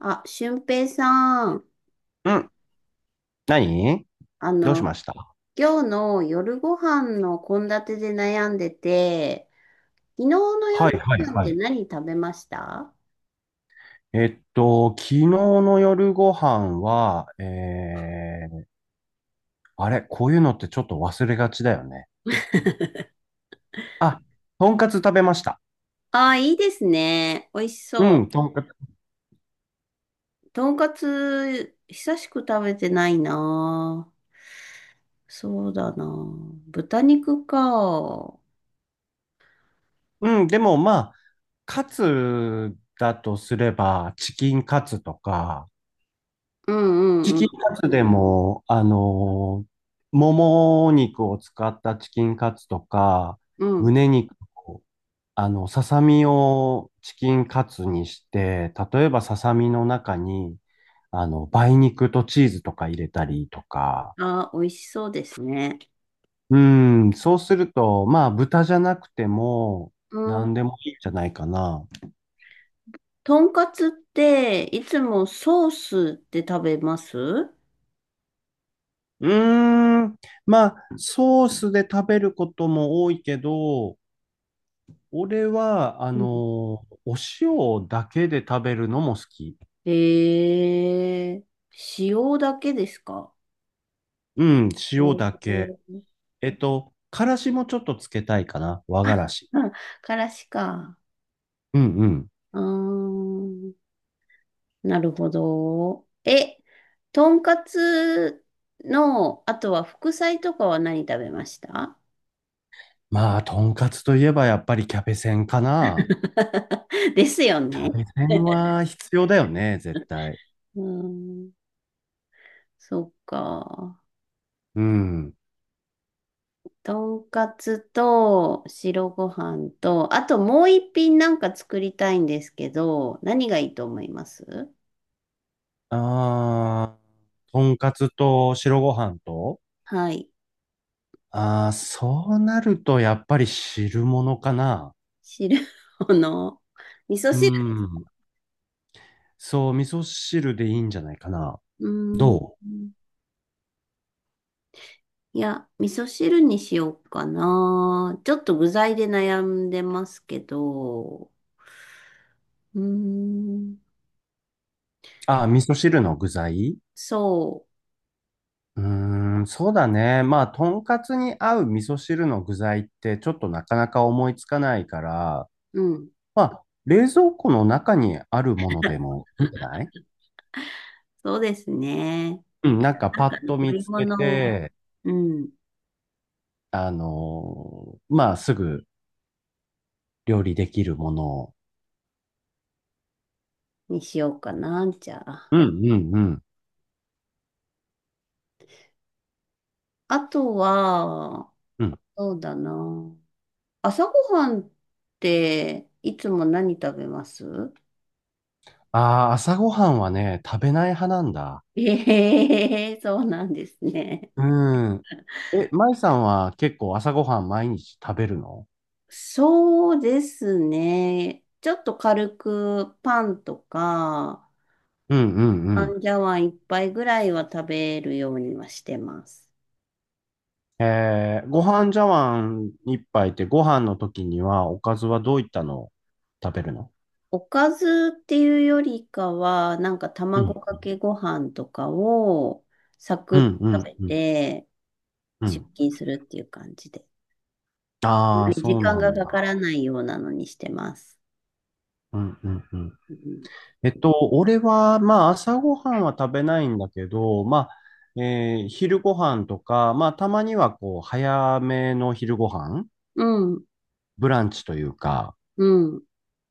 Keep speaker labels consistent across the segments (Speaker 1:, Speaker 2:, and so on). Speaker 1: あ、俊平さん、
Speaker 2: うん。何。
Speaker 1: あ
Speaker 2: どうし
Speaker 1: の、
Speaker 2: ました？
Speaker 1: 今日の夜ご飯の献立で悩んでて、昨日の
Speaker 2: はい
Speaker 1: 夜
Speaker 2: はい
Speaker 1: ご飯っ
Speaker 2: は
Speaker 1: て
Speaker 2: い。
Speaker 1: 何食べました？
Speaker 2: 昨日の夜ご飯は、あれ、こういうのってちょっと忘れがちだよね。あ、とんかつ食べました。
Speaker 1: ああ、いいですね。美味し
Speaker 2: う
Speaker 1: そ
Speaker 2: ん、とんかつ。
Speaker 1: う。とんかつ、久しく食べてないな。そうだな。豚肉か。
Speaker 2: うん、でもまあ、カツだとすれば、チキンカツとか、
Speaker 1: うんう
Speaker 2: チ
Speaker 1: んう
Speaker 2: キン
Speaker 1: ん
Speaker 2: カツでも、もも肉を使ったチキンカツとか、
Speaker 1: うん。
Speaker 2: 胸肉、ささみをチキンカツにして、例えばささみの中に、梅肉とチーズとか入れたりとか、
Speaker 1: ああ、美味しそうですね。
Speaker 2: うん、そうすると、まあ、豚じゃなくても、
Speaker 1: うん。
Speaker 2: 何でもいいんじゃないかな。
Speaker 1: とんかつって、いつもソースって食べます？
Speaker 2: うーん、まあ、ソースで食べることも多いけど、俺は、
Speaker 1: ん
Speaker 2: お塩だけで食べるのも好き。
Speaker 1: ええ、塩だけですか？
Speaker 2: うん、塩だけ。
Speaker 1: ええ、
Speaker 2: からしもちょっとつけたいかな。和がらし。
Speaker 1: あ、からしか。
Speaker 2: うんうん。
Speaker 1: うーん、なるほど。え、とんかつの、あとは副菜とかは何食べました？
Speaker 2: まあ、とんかつといえばやっぱりキャベセンかな。
Speaker 1: ですよ
Speaker 2: キャ
Speaker 1: ね。
Speaker 2: ベセン は必要だよね、絶対。
Speaker 1: うーん、そっか。
Speaker 2: うん。
Speaker 1: とんかつと白ご飯と、あともう一品なんか作りたいんですけど、何がいいと思います？
Speaker 2: ああ、とんかつと白ご飯と、
Speaker 1: はい。
Speaker 2: ああ、そうなるとやっぱり汁物かな。
Speaker 1: 汁の味噌
Speaker 2: う
Speaker 1: 汁。
Speaker 2: ん。そう、味噌汁でいいんじゃないかな。
Speaker 1: うーん。
Speaker 2: どう？
Speaker 1: いや、味噌汁にしようかな。ちょっと具材で悩んでますけど。うーん。
Speaker 2: ああ、味噌汁の具材？
Speaker 1: そ
Speaker 2: うーん、そうだね。まあ、とんかつに合う味噌汁の具材ってちょっとなかなか思いつかないから、
Speaker 1: う。うん。
Speaker 2: まあ、冷蔵庫の中にあるものでもいいんじゃない？
Speaker 1: そうですね。
Speaker 2: うん、なんか
Speaker 1: な
Speaker 2: パ
Speaker 1: んか
Speaker 2: ッと
Speaker 1: 残
Speaker 2: 見
Speaker 1: り
Speaker 2: つけ
Speaker 1: 物を、
Speaker 2: て、
Speaker 1: うん。
Speaker 2: まあ、すぐ料理できるものを。
Speaker 1: にしようかな。じゃあ。
Speaker 2: うん、うん、うん、
Speaker 1: あとは、
Speaker 2: うん。
Speaker 1: そうだな。朝ごはんっていつも何食べます？
Speaker 2: ああ、朝ごはんはね、食べない派なんだ。
Speaker 1: ええー、そうなんですね。
Speaker 2: うん。え、舞さんは結構朝ごはん毎日食べるの？
Speaker 1: そうですね。ちょっと軽くパンとか、
Speaker 2: うんうんう
Speaker 1: パ
Speaker 2: ん。
Speaker 1: ンジャワン一杯ぐらいは食べるようにはしてます。
Speaker 2: ご飯茶碗一杯ってご飯の時にはおかずはどういったのを食べるの？
Speaker 1: おかずっていうよりかは、なんか
Speaker 2: うん。
Speaker 1: 卵かけご飯とかをサク
Speaker 2: う
Speaker 1: ッと
Speaker 2: んう
Speaker 1: 食
Speaker 2: ん
Speaker 1: べ
Speaker 2: うん
Speaker 1: て
Speaker 2: う
Speaker 1: 出
Speaker 2: ん。
Speaker 1: 勤するっていう感じで。あん
Speaker 2: ああ、
Speaker 1: まり時
Speaker 2: そう
Speaker 1: 間
Speaker 2: なん
Speaker 1: がか
Speaker 2: だ。
Speaker 1: からないようなのにしてます。
Speaker 2: うんうんうん。
Speaker 1: うん。
Speaker 2: 俺は、まあ、朝ごはんは食べないんだけど、まあ、昼ごはんとか、まあ、たまには、こう、早めの昼ごはん
Speaker 1: うん。
Speaker 2: ブランチというか、
Speaker 1: うん。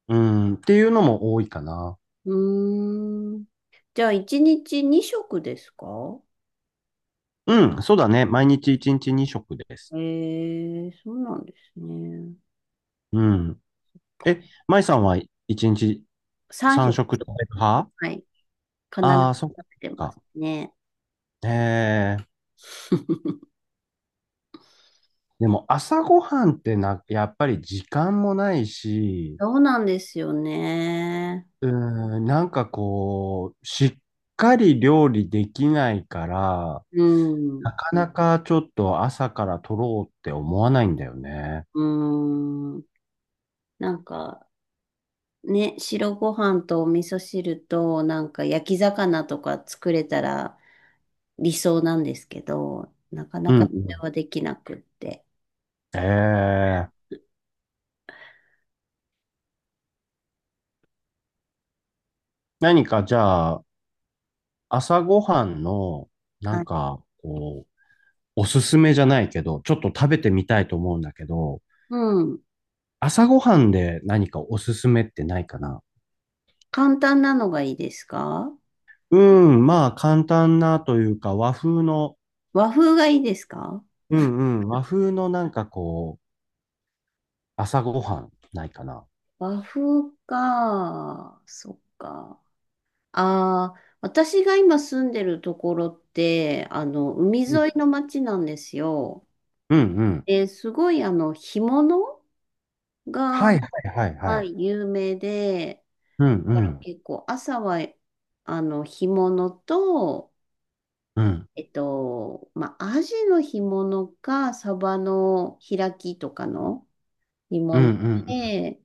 Speaker 2: うん、っていうのも多いかな。
Speaker 1: うーん、じゃあ、一日二食ですか？
Speaker 2: うん、そうだね。毎日1日2食です。
Speaker 1: ええ、そうなんですね。
Speaker 2: うん。え、舞さんは1日
Speaker 1: 3
Speaker 2: 3
Speaker 1: 食、
Speaker 2: 食食べる派？
Speaker 1: はい、必
Speaker 2: ああ
Speaker 1: ず
Speaker 2: ー、そっ
Speaker 1: 食べてま
Speaker 2: か。
Speaker 1: すね。
Speaker 2: えー、でも朝ごはんってな、やっぱり時間もないし、
Speaker 1: そうなんですよね。
Speaker 2: うーん、なんかこう、しっかり料理できないから、
Speaker 1: うん、
Speaker 2: なかなかちょっと朝から取ろうって思わないんだよね。
Speaker 1: うん。なんか、ね、白ご飯とお味噌汁と、なんか焼き魚とか作れたら理想なんですけど、なかな
Speaker 2: うんう
Speaker 1: かそれ
Speaker 2: ん。
Speaker 1: はできなくって。
Speaker 2: ええ、何かじゃあ、朝ごはんの、な
Speaker 1: は
Speaker 2: ん
Speaker 1: い。
Speaker 2: か、こう、おすすめじゃないけど、ちょっと食べてみたいと思うんだけど、
Speaker 1: うん。
Speaker 2: 朝ごはんで何かおすすめってないかな？
Speaker 1: 簡単なのがいいですか？
Speaker 2: うん、まあ、簡単なというか、和風の、
Speaker 1: 和風がいいですか？
Speaker 2: うんうん、和風のなんかこう、朝ごはんないかな。
Speaker 1: 和風か。そっか。ああ、私が今住んでるところって、海
Speaker 2: うん
Speaker 1: 沿いの町なんですよ。
Speaker 2: うんうん。
Speaker 1: で、すごい、干物が、
Speaker 2: はいはいはいは
Speaker 1: は
Speaker 2: い。
Speaker 1: い、有名で、
Speaker 2: うんう
Speaker 1: だから
Speaker 2: ん
Speaker 1: 結構朝は、干物と、
Speaker 2: うん
Speaker 1: アジの干物か、サバの開きとかの干
Speaker 2: うんう
Speaker 1: 物
Speaker 2: ん
Speaker 1: で、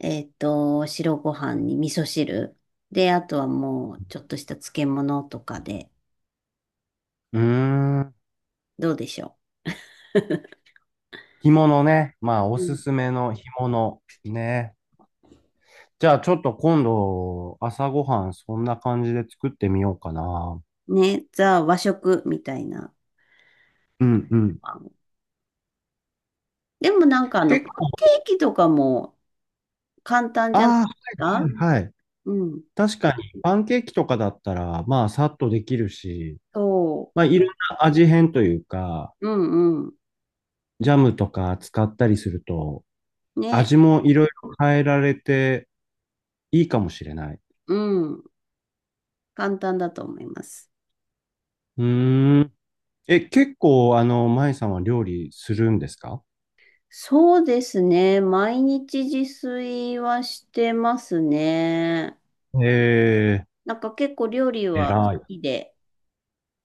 Speaker 1: 白ご飯に味噌汁。で、あとはもう、ちょっとした漬物とかで、
Speaker 2: うん。うーん。
Speaker 1: どうでしょ
Speaker 2: 干物ね。まあお
Speaker 1: う。う
Speaker 2: す
Speaker 1: ん、
Speaker 2: すめの干物ね。じゃあちょっと今度朝ごはんそんな感じで作ってみようかな。
Speaker 1: ね、ザ和食みたいな。
Speaker 2: うんうん。
Speaker 1: でもなんか
Speaker 2: 結
Speaker 1: パ
Speaker 2: 構、
Speaker 1: ンケーキとかも簡単じゃないで
Speaker 2: ああ、
Speaker 1: す
Speaker 2: はい
Speaker 1: か？
Speaker 2: はいはい。
Speaker 1: うん。
Speaker 2: 確かにパンケーキとかだったらまあさっとできるし、
Speaker 1: そ
Speaker 2: まあいろんな味変というか、
Speaker 1: う。うんうん。
Speaker 2: ジャムとか使ったりすると
Speaker 1: ね。
Speaker 2: 味もいろいろ変えられて、いいかもしれない。
Speaker 1: うん。簡単だと思います。
Speaker 2: うーん。え、結構、舞さんは料理するんですか？
Speaker 1: そうですね。毎日自炊はしてますね。
Speaker 2: え
Speaker 1: なんか結構料理
Speaker 2: え、
Speaker 1: は好
Speaker 2: 偉い。
Speaker 1: きで。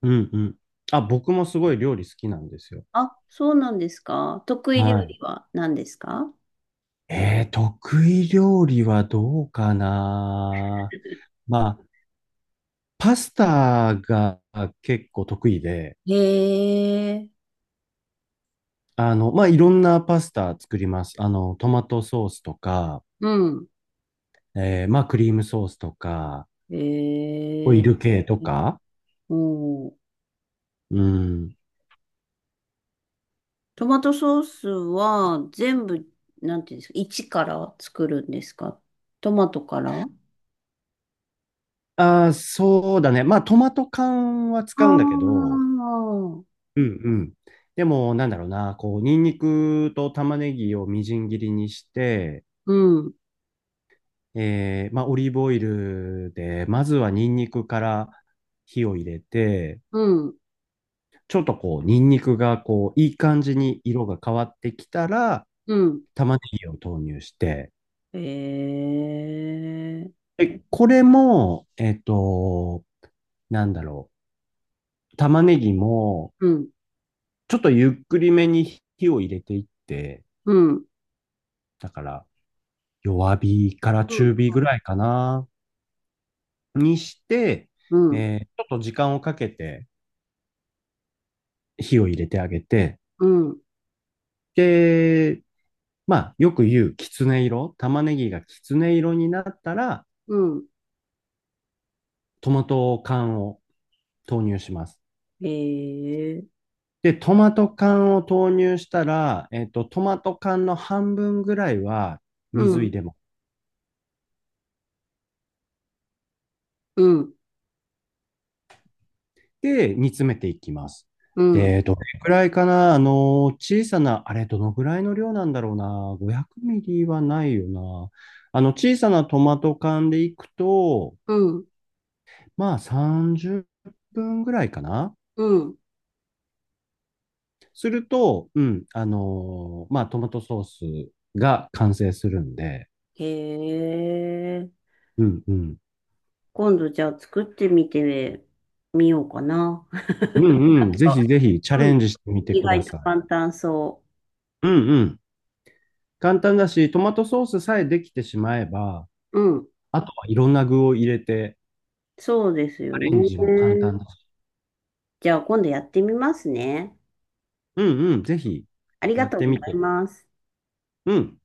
Speaker 2: うんうん。あ、僕もすごい料理好きなんですよ。
Speaker 1: あ、そうなんですか。得意料
Speaker 2: はい。
Speaker 1: 理は何ですか？
Speaker 2: 得意料理はどうかな。まあ、パスタが結構得意で、
Speaker 1: へえ、
Speaker 2: まあ、いろんなパスタ作ります。トマトソースとか、
Speaker 1: うん。
Speaker 2: まあ、クリームソースとか、オ
Speaker 1: へ
Speaker 2: イ
Speaker 1: え、
Speaker 2: ル系とか、
Speaker 1: おー、
Speaker 2: うん。
Speaker 1: トマトソースは全部、なんていうんですか、一から作るんですか？トマトから？あ
Speaker 2: ああ、そうだね。まあ、トマト缶は
Speaker 1: あ
Speaker 2: 使うんだけど、
Speaker 1: ー、
Speaker 2: うんうん。でも、なんだろうな、こう、ニンニクと玉ねぎをみじん切りにして、
Speaker 1: うん、
Speaker 2: まあ、オリーブオイルで、まずはニンニクから火を入れて、
Speaker 1: うん、
Speaker 2: ちょっとこう、ニンニクがこう、いい感じに色が変わってきたら、
Speaker 1: うん、
Speaker 2: 玉ねぎを投入して、
Speaker 1: へえ、
Speaker 2: で、これも、なんだろう、玉ねぎも、
Speaker 1: うん、
Speaker 2: ちょっとゆっくりめに火を入れていって、
Speaker 1: うん、
Speaker 2: だから弱火から
Speaker 1: うん、
Speaker 2: 中火ぐらいかな、にして、
Speaker 1: うん、
Speaker 2: ちょっと時間をかけて火を入れてあげて、
Speaker 1: うん、
Speaker 2: で、まあ、よく言うきつね色、玉ねぎがきつね色になったら、
Speaker 1: うん
Speaker 2: トマト缶を投入します。
Speaker 1: へえ。
Speaker 2: で、トマト缶を投入したら、トマト缶の半分ぐらいは
Speaker 1: う
Speaker 2: 水入
Speaker 1: ん、
Speaker 2: れます。
Speaker 1: うん、
Speaker 2: で、煮詰めていきます。
Speaker 1: うん、
Speaker 2: で、どれくらいかな、小さな、あれ、どのぐらいの量なんだろうな、500ミリはないよな。小さなトマト缶でいくと、
Speaker 1: うん、
Speaker 2: まあ、30分ぐらいかな。
Speaker 1: うん。
Speaker 2: すると、うん、まあ、トマトソースが完成するんで、
Speaker 1: へえ。
Speaker 2: うんうん。
Speaker 1: 今度じゃあ作ってみてみようかな。
Speaker 2: うんうん。ぜひ
Speaker 1: あ、
Speaker 2: ぜひチャ
Speaker 1: う
Speaker 2: レ
Speaker 1: ん。
Speaker 2: ンジしてみて
Speaker 1: 意
Speaker 2: くだ
Speaker 1: 外と
Speaker 2: さい。
Speaker 1: 簡単そ
Speaker 2: うんうん。簡単だし、トマトソースさえできてしまえば、
Speaker 1: う。うん。
Speaker 2: あとはいろんな具を入れて、
Speaker 1: そうです
Speaker 2: ア
Speaker 1: よね。
Speaker 2: レンジも簡単だし。
Speaker 1: じゃあ今度やってみますね。
Speaker 2: うんうん、ぜひ
Speaker 1: あり
Speaker 2: や
Speaker 1: が
Speaker 2: っ
Speaker 1: とう
Speaker 2: て
Speaker 1: ご
Speaker 2: み
Speaker 1: ざい
Speaker 2: て。
Speaker 1: ます。
Speaker 2: うん。